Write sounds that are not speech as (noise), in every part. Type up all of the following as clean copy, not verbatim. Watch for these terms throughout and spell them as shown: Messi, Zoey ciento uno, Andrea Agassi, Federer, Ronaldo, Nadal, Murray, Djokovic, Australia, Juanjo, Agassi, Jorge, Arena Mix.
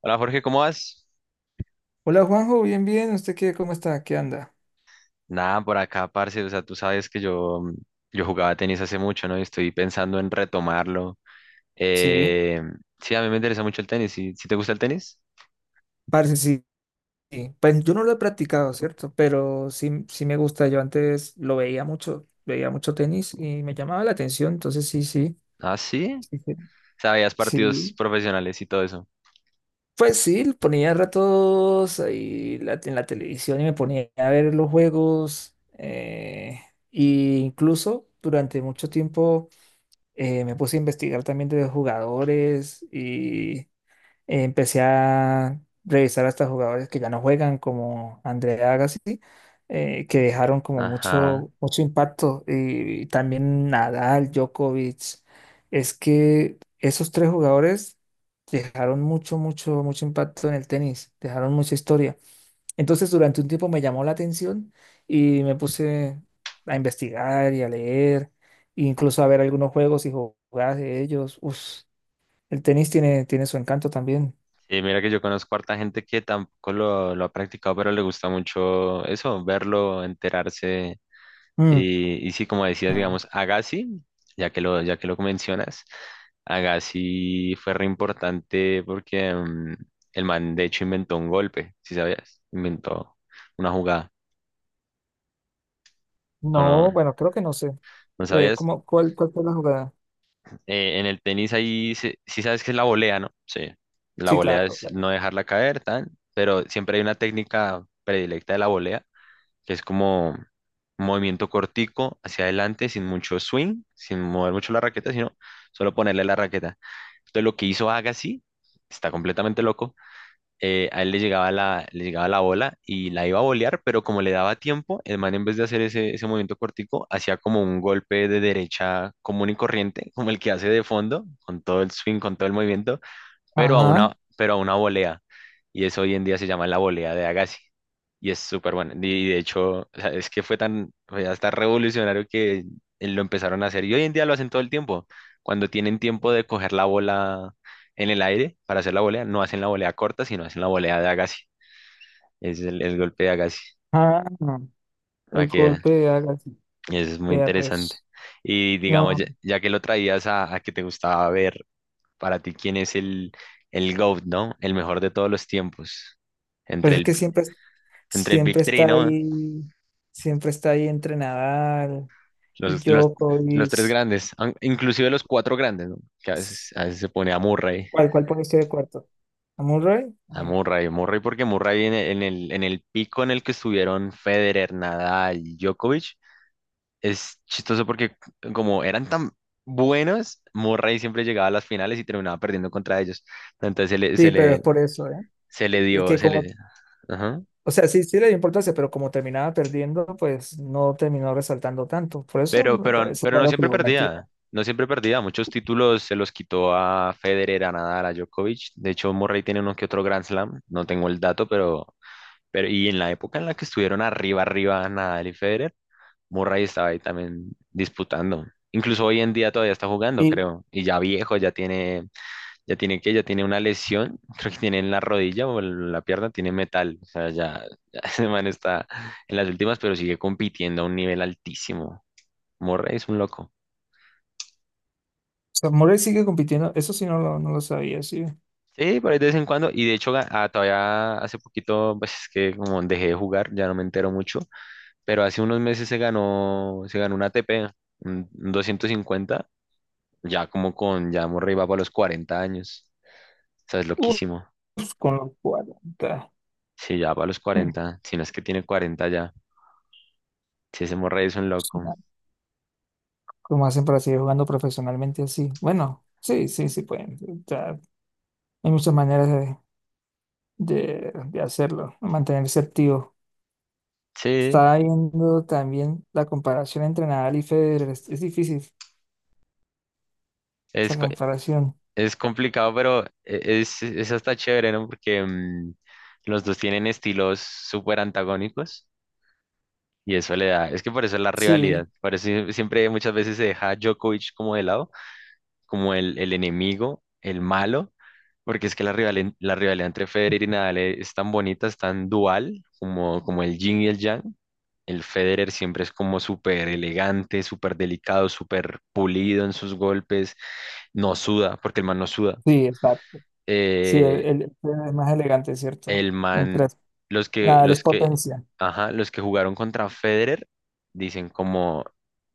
Hola Jorge, ¿cómo vas? Hola Juanjo, bien, bien. ¿Usted qué, cómo está? ¿Qué anda? Nada, por acá, parce, o sea, tú sabes que yo jugaba tenis hace mucho, ¿no? Y estoy pensando en retomarlo. Sí. Eh, sí, a mí me interesa mucho el tenis. ¿Sí, sí te gusta el tenis? Parce, sí, sí. Pues yo no lo he practicado, ¿cierto? Pero sí, sí me gusta. Yo antes lo veía mucho tenis y me llamaba la atención. Entonces sí, sí. Ah, sí. Sí. Sí. ¿Sabías partidos Sí. profesionales y todo eso? Pues sí, ponía ratos ahí en la televisión y me ponía a ver los juegos. Y incluso durante mucho tiempo me puse a investigar también de los jugadores. Empecé a revisar hasta jugadores que ya no juegan, como Andrea Agassi, que dejaron como Ajá. mucho, mucho impacto. Y también Nadal, Djokovic. Es que esos tres jugadores dejaron mucho, mucho, mucho impacto en el tenis, dejaron mucha historia. Entonces, durante un tiempo me llamó la atención y me puse a investigar y a leer, e incluso a ver algunos juegos y jugadas de ellos. Uf, el tenis tiene su encanto también. Y mira que yo conozco harta gente que tampoco lo ha practicado, pero le gusta mucho eso, verlo, enterarse. Mm, Y sí, como decías, mm. digamos, Agassi, ya que lo mencionas, Agassi fue re importante porque el man de hecho inventó un golpe, si sabías, inventó una jugada. Bueno, ¿no No, bueno, creo que no sé. ¿No sabías? ¿Cómo, cuál fue la jugada? En el tenis ahí, sí sabes que es la volea, ¿no? Sí, la Sí, volea claro. es Claro. no dejarla caer, tan, pero siempre hay una técnica predilecta de la volea que es como un movimiento cortico hacia adelante, sin mucho swing, sin mover mucho la raqueta, sino solo ponerle la raqueta. Entonces lo que hizo Agassi, está completamente loco, a él le llegaba la bola y la iba a volear, pero como le daba tiempo, el man en vez de hacer ese movimiento cortico, hacía como un golpe de derecha común y corriente, como el que hace de fondo, con todo el swing, con todo el movimiento, pero a Ajá. una, pero a una volea. Y eso hoy en día se llama la volea de Agassi. Y es súper bueno. Y de hecho, o sea, es que fue tan, fue hasta revolucionario que lo empezaron a hacer. Y hoy en día lo hacen todo el tiempo. Cuando tienen tiempo de coger la bola en el aire para hacer la volea, no hacen la volea corta, sino hacen la volea de Agassi. Es el golpe de Agassi. Ah, no. Va El que golpe de Agassi. es muy Vea, interesante. pues, Y no, digamos, ya, no. ya que lo traías a, que te gustaba ver. Para ti, ¿quién es el GOAT, no? El mejor de todos los tiempos. Pero Entre es el, que siempre, entre el Big siempre Three, está ¿no? ahí, siempre está ahí entre Nadal y Los, los, los tres Djokovic. grandes, inclusive los cuatro grandes, ¿no? Que a veces se pone a Murray, ¿Cuál pone usted de cuarto? ¿A Murray? a Eh, Murray, Murray porque Murray en el pico en el que estuvieron Federer, Nadal, y Djokovic, es chistoso porque como eran tan buenos, Murray siempre llegaba a las finales y terminaba perdiendo contra ellos. Entonces se le, Sí, se pero es le, por eso, ¿eh? se le Es dio. que como, Ajá. o sea, sí, sí le dio importancia, pero como terminaba perdiendo, pues no terminó resaltando tanto. Por eso Pero, me pero, parece pero no raro que siempre lo metí. perdía, no siempre perdía. Muchos títulos se los quitó a Federer, a Nadal, a Djokovic. De hecho, Murray tiene uno que otro Grand Slam, no tengo el dato, pero, y en la época en la que estuvieron arriba, arriba Nadal y Federer, Murray estaba ahí también disputando. Incluso hoy en día todavía está jugando, Y o creo, y ya viejo, ya tiene una lesión, (laughs) creo que tiene en la rodilla o en la pierna, tiene metal, o sea, ya, ya (laughs) ese man está en las últimas, pero sigue compitiendo a un nivel altísimo. Murray es un loco. sea, Murray sigue compitiendo, eso sí no lo sabía, sí. Sí, por ahí de vez en cuando. Y de hecho, todavía hace poquito, pues es que como dejé de jugar, ya no me entero mucho. Pero hace unos meses se ganó un ATP, un 250, ya Murray va para los 40 años. O sea, es Uf, loquísimo. con los 40. Sí, ya para los Hmm, 40. Si no es que tiene 40 ya. Sí, ese Murray es un Su loco. madre. ¿Cómo hacen para seguir jugando profesionalmente así? Bueno, sí, sí, sí pueden. O sea, hay muchas maneras de hacerlo, mantenerse activo. Sí, Estaba viendo también la comparación entre Nadal y Federer. Es difícil es, esa co- comparación. es complicado, pero es hasta chévere, ¿no? Porque los dos tienen estilos súper antagónicos. Y eso le da, es que por eso es la Sí, rivalidad, por eso siempre muchas veces se deja a Djokovic como de lado, como el enemigo, el malo, porque es que la rivalidad entre Federer y Nadal es tan bonita, es tan dual, como el yin y el yang. El Federer siempre es como súper elegante, súper delicado, súper pulido en sus golpes, no suda, porque el man no suda. sí, exacto. Sí, Eh, el Federer es más elegante, ¿cierto? El man, Mientras Nadal es los que, potencia. Ajá, los que jugaron contra Federer dicen como,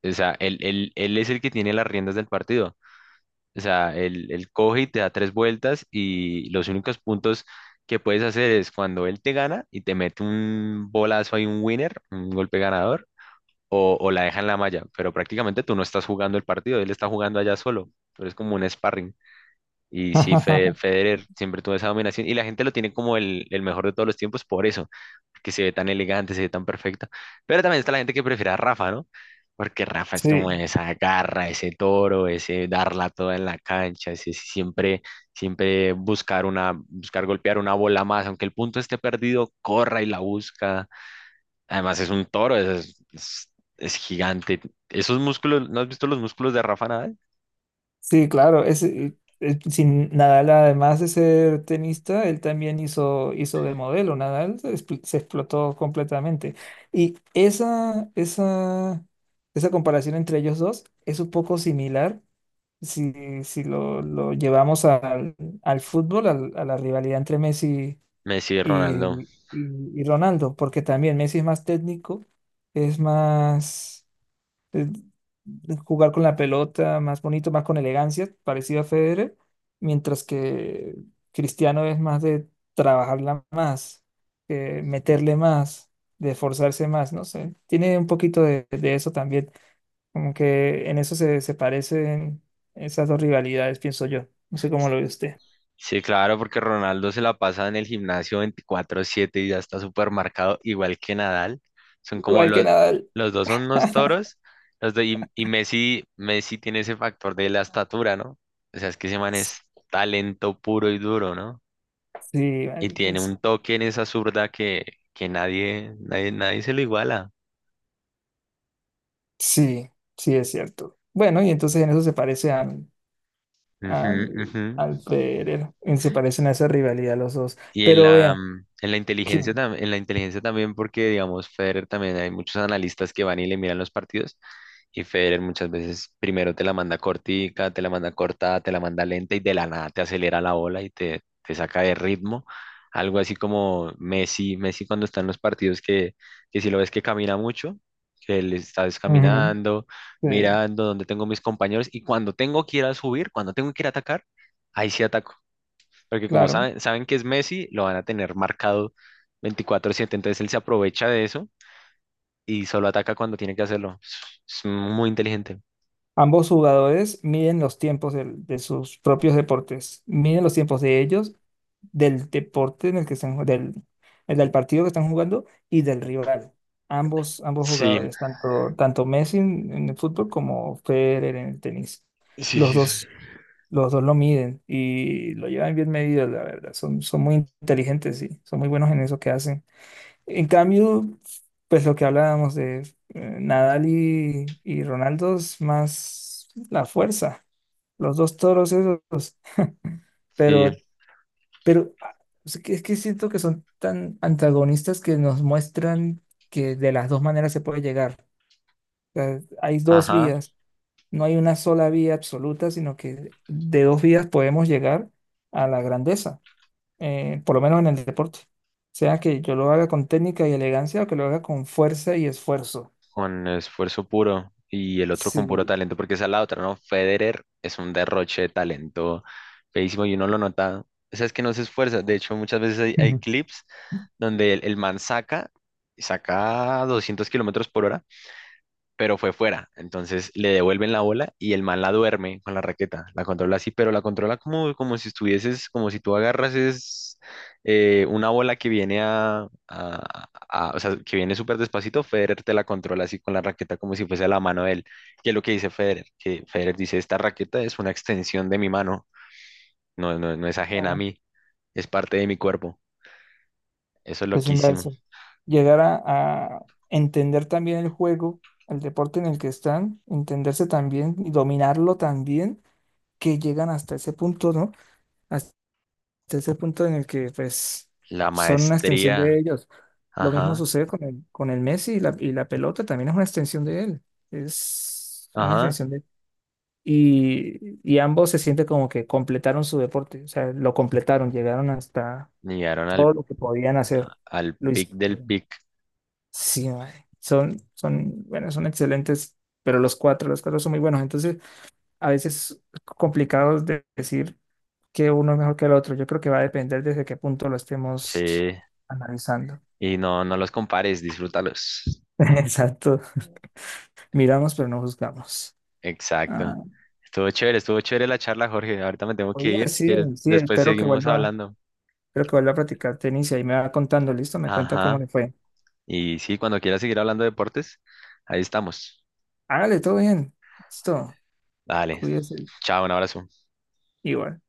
o sea, él es el que tiene las riendas del partido. O sea, él coge y te da tres vueltas y los únicos puntos que puedes hacer es cuando él te gana y te mete un bolazo ahí, un winner, un golpe ganador, o la deja en la malla. Pero prácticamente tú no estás jugando el partido, él está jugando allá solo, pero es como un sparring. Y sí, (laughs) Federer siempre tuvo esa dominación y la gente lo tiene como el mejor de todos los tiempos por eso, que se ve tan elegante, se ve tan perfecto. Pero también está la gente que prefiere a Rafa, ¿no? Porque Rafa es Sí. como esa garra, ese toro, ese darla toda en la cancha, ese siempre buscar buscar golpear una bola más, aunque el punto esté perdido, corra y la busca. Además es un toro, es gigante. Esos músculos, ¿no has visto los músculos de Rafa Nadal? Sí, claro, ese, sin Nadal, además de ser tenista, él también hizo de modelo. Nadal se explotó completamente. Y esa comparación entre ellos dos es un poco similar si, si lo llevamos al, al fútbol, al- a la rivalidad entre Messi Messi, y y, Ronaldo. y Ronaldo, porque también Messi es más técnico, es más de- de jugar con la pelota más bonito, más con elegancia, parecido a Federer, mientras que Cristiano es más de trabajarla más, meterle más, de esforzarse más, no sé, tiene un poquito de eso también, como que en eso se parecen esas dos rivalidades, pienso yo, no sé cómo lo ve usted. Sí, claro, porque Ronaldo se la pasa en el gimnasio 24/7 y ya está súper marcado, igual que Nadal. Son como Igual que los, Nadal, los dos son unos toros, y Messi tiene ese factor de la estatura, ¿no? O sea, es que ese man es talento puro y duro, ¿no? sí, Y marica, tiene sí, un toque en esa zurda que nadie, nadie, nadie se lo iguala. sí, sí es cierto. Bueno, y entonces en eso se parece Ujú, al, ujú. al Federer. Y se parecen a esa rivalidad los dos. Y en Pero la, vean, mm, en la que inteligencia, tam- en la inteligencia también, porque digamos, Federer también hay muchos analistas que van y le miran los partidos. Y Federer muchas veces primero te la manda cortica, te la manda corta, te la manda lenta y de la nada te acelera la bola y te saca de ritmo. Algo así como Messi, cuando está en los partidos que si lo ves que camina mucho, que él está ujú, descaminando, sí, mirando dónde tengo mis compañeros y cuando tengo que ir a subir, cuando tengo que ir a atacar, ahí sí ataco porque como claro. saben que es Messi, lo van a tener marcado 24/7. Entonces él se aprovecha de eso y solo ataca cuando tiene que hacerlo. Es muy inteligente. Ambos jugadores miden los tiempos sus propios deportes, miden los tiempos de ellos del deporte en el que están, del partido que están jugando y del rival. Ambos Sí, jugadores, tanto Messi en el fútbol como Federer en el tenis. sí, Los sí, sí. dos, los dos lo miden y lo llevan bien medido, la verdad. Son muy inteligentes y son muy buenos en eso que hacen. En cambio, pues lo que hablábamos de Nadal y, Ronaldo es más la fuerza. Los dos toros esos, Sí, pero pero es que siento que son tan antagonistas que nos muestran que de las dos maneras se puede llegar. O sea, hay dos ajá, vías, no hay una sola vía absoluta, sino que de dos vías podemos llegar a la grandeza, por lo menos en el deporte. Sea que yo lo haga con técnica y elegancia o que lo haga con fuerza y esfuerzo. con esfuerzo puro y el otro con puro Sí. talento, porque esa es la otra, ¿no? Federer es un derroche de talento feísimo y uno lo nota. O sea, es que no se esfuerza. De hecho, muchas veces hay (laughs) clips donde el man saca 200 kilómetros por hora pero fue fuera. Entonces le devuelven la bola y el man la duerme con la raqueta, la controla así, pero la controla como si estuvieses, como si tú agarras es, una bola que viene o sea, que viene súper despacito, Federer te la controla así con la raqueta como si fuese la mano de él. ¿Que es lo que dice Federer? Que Federer dice, esta raqueta es una extensión de mi mano, no, no, no es ajena a mí, es parte de mi cuerpo. Eso es Es loquísimo. inverso. Llegar a entender también el juego, el deporte en el que están, entenderse también y dominarlo también, que llegan hasta ese punto, ¿no? Hasta ese punto en el que, pues, La son una extensión de maestría, ellos. Lo mismo ajá, sucede con el Messi y la pelota, también es una extensión de él. Es una ajá, extensión de Y, y ambos se sienten como que completaron su deporte, o sea, lo completaron, llegaron hasta llegaron todo lo que podían hacer. Al Luis. pic del pic, Sí, mae, bueno, son excelentes, pero los cuatro son muy buenos. Entonces, a veces complicados de decir que uno es mejor que el otro. Yo creo que va a depender desde qué punto lo estemos sí, analizando. y no, no los compares, disfrútalos. (laughs) Exacto. Miramos, pero no juzgamos. Exacto. Ah, Estuvo chévere la charla, Jorge. Ahorita me tengo que oye, ir, si sí, quieres, sí, después seguimos hablando. espero que vuelva a practicar tenis y ahí me va contando, ¿listo? Me cuenta cómo Ajá. le fue. Y sí, cuando quieras seguir hablando de deportes, ahí estamos. Hágale, todo bien. Listo. Dale, Cuídese. chao, un abrazo. Igual.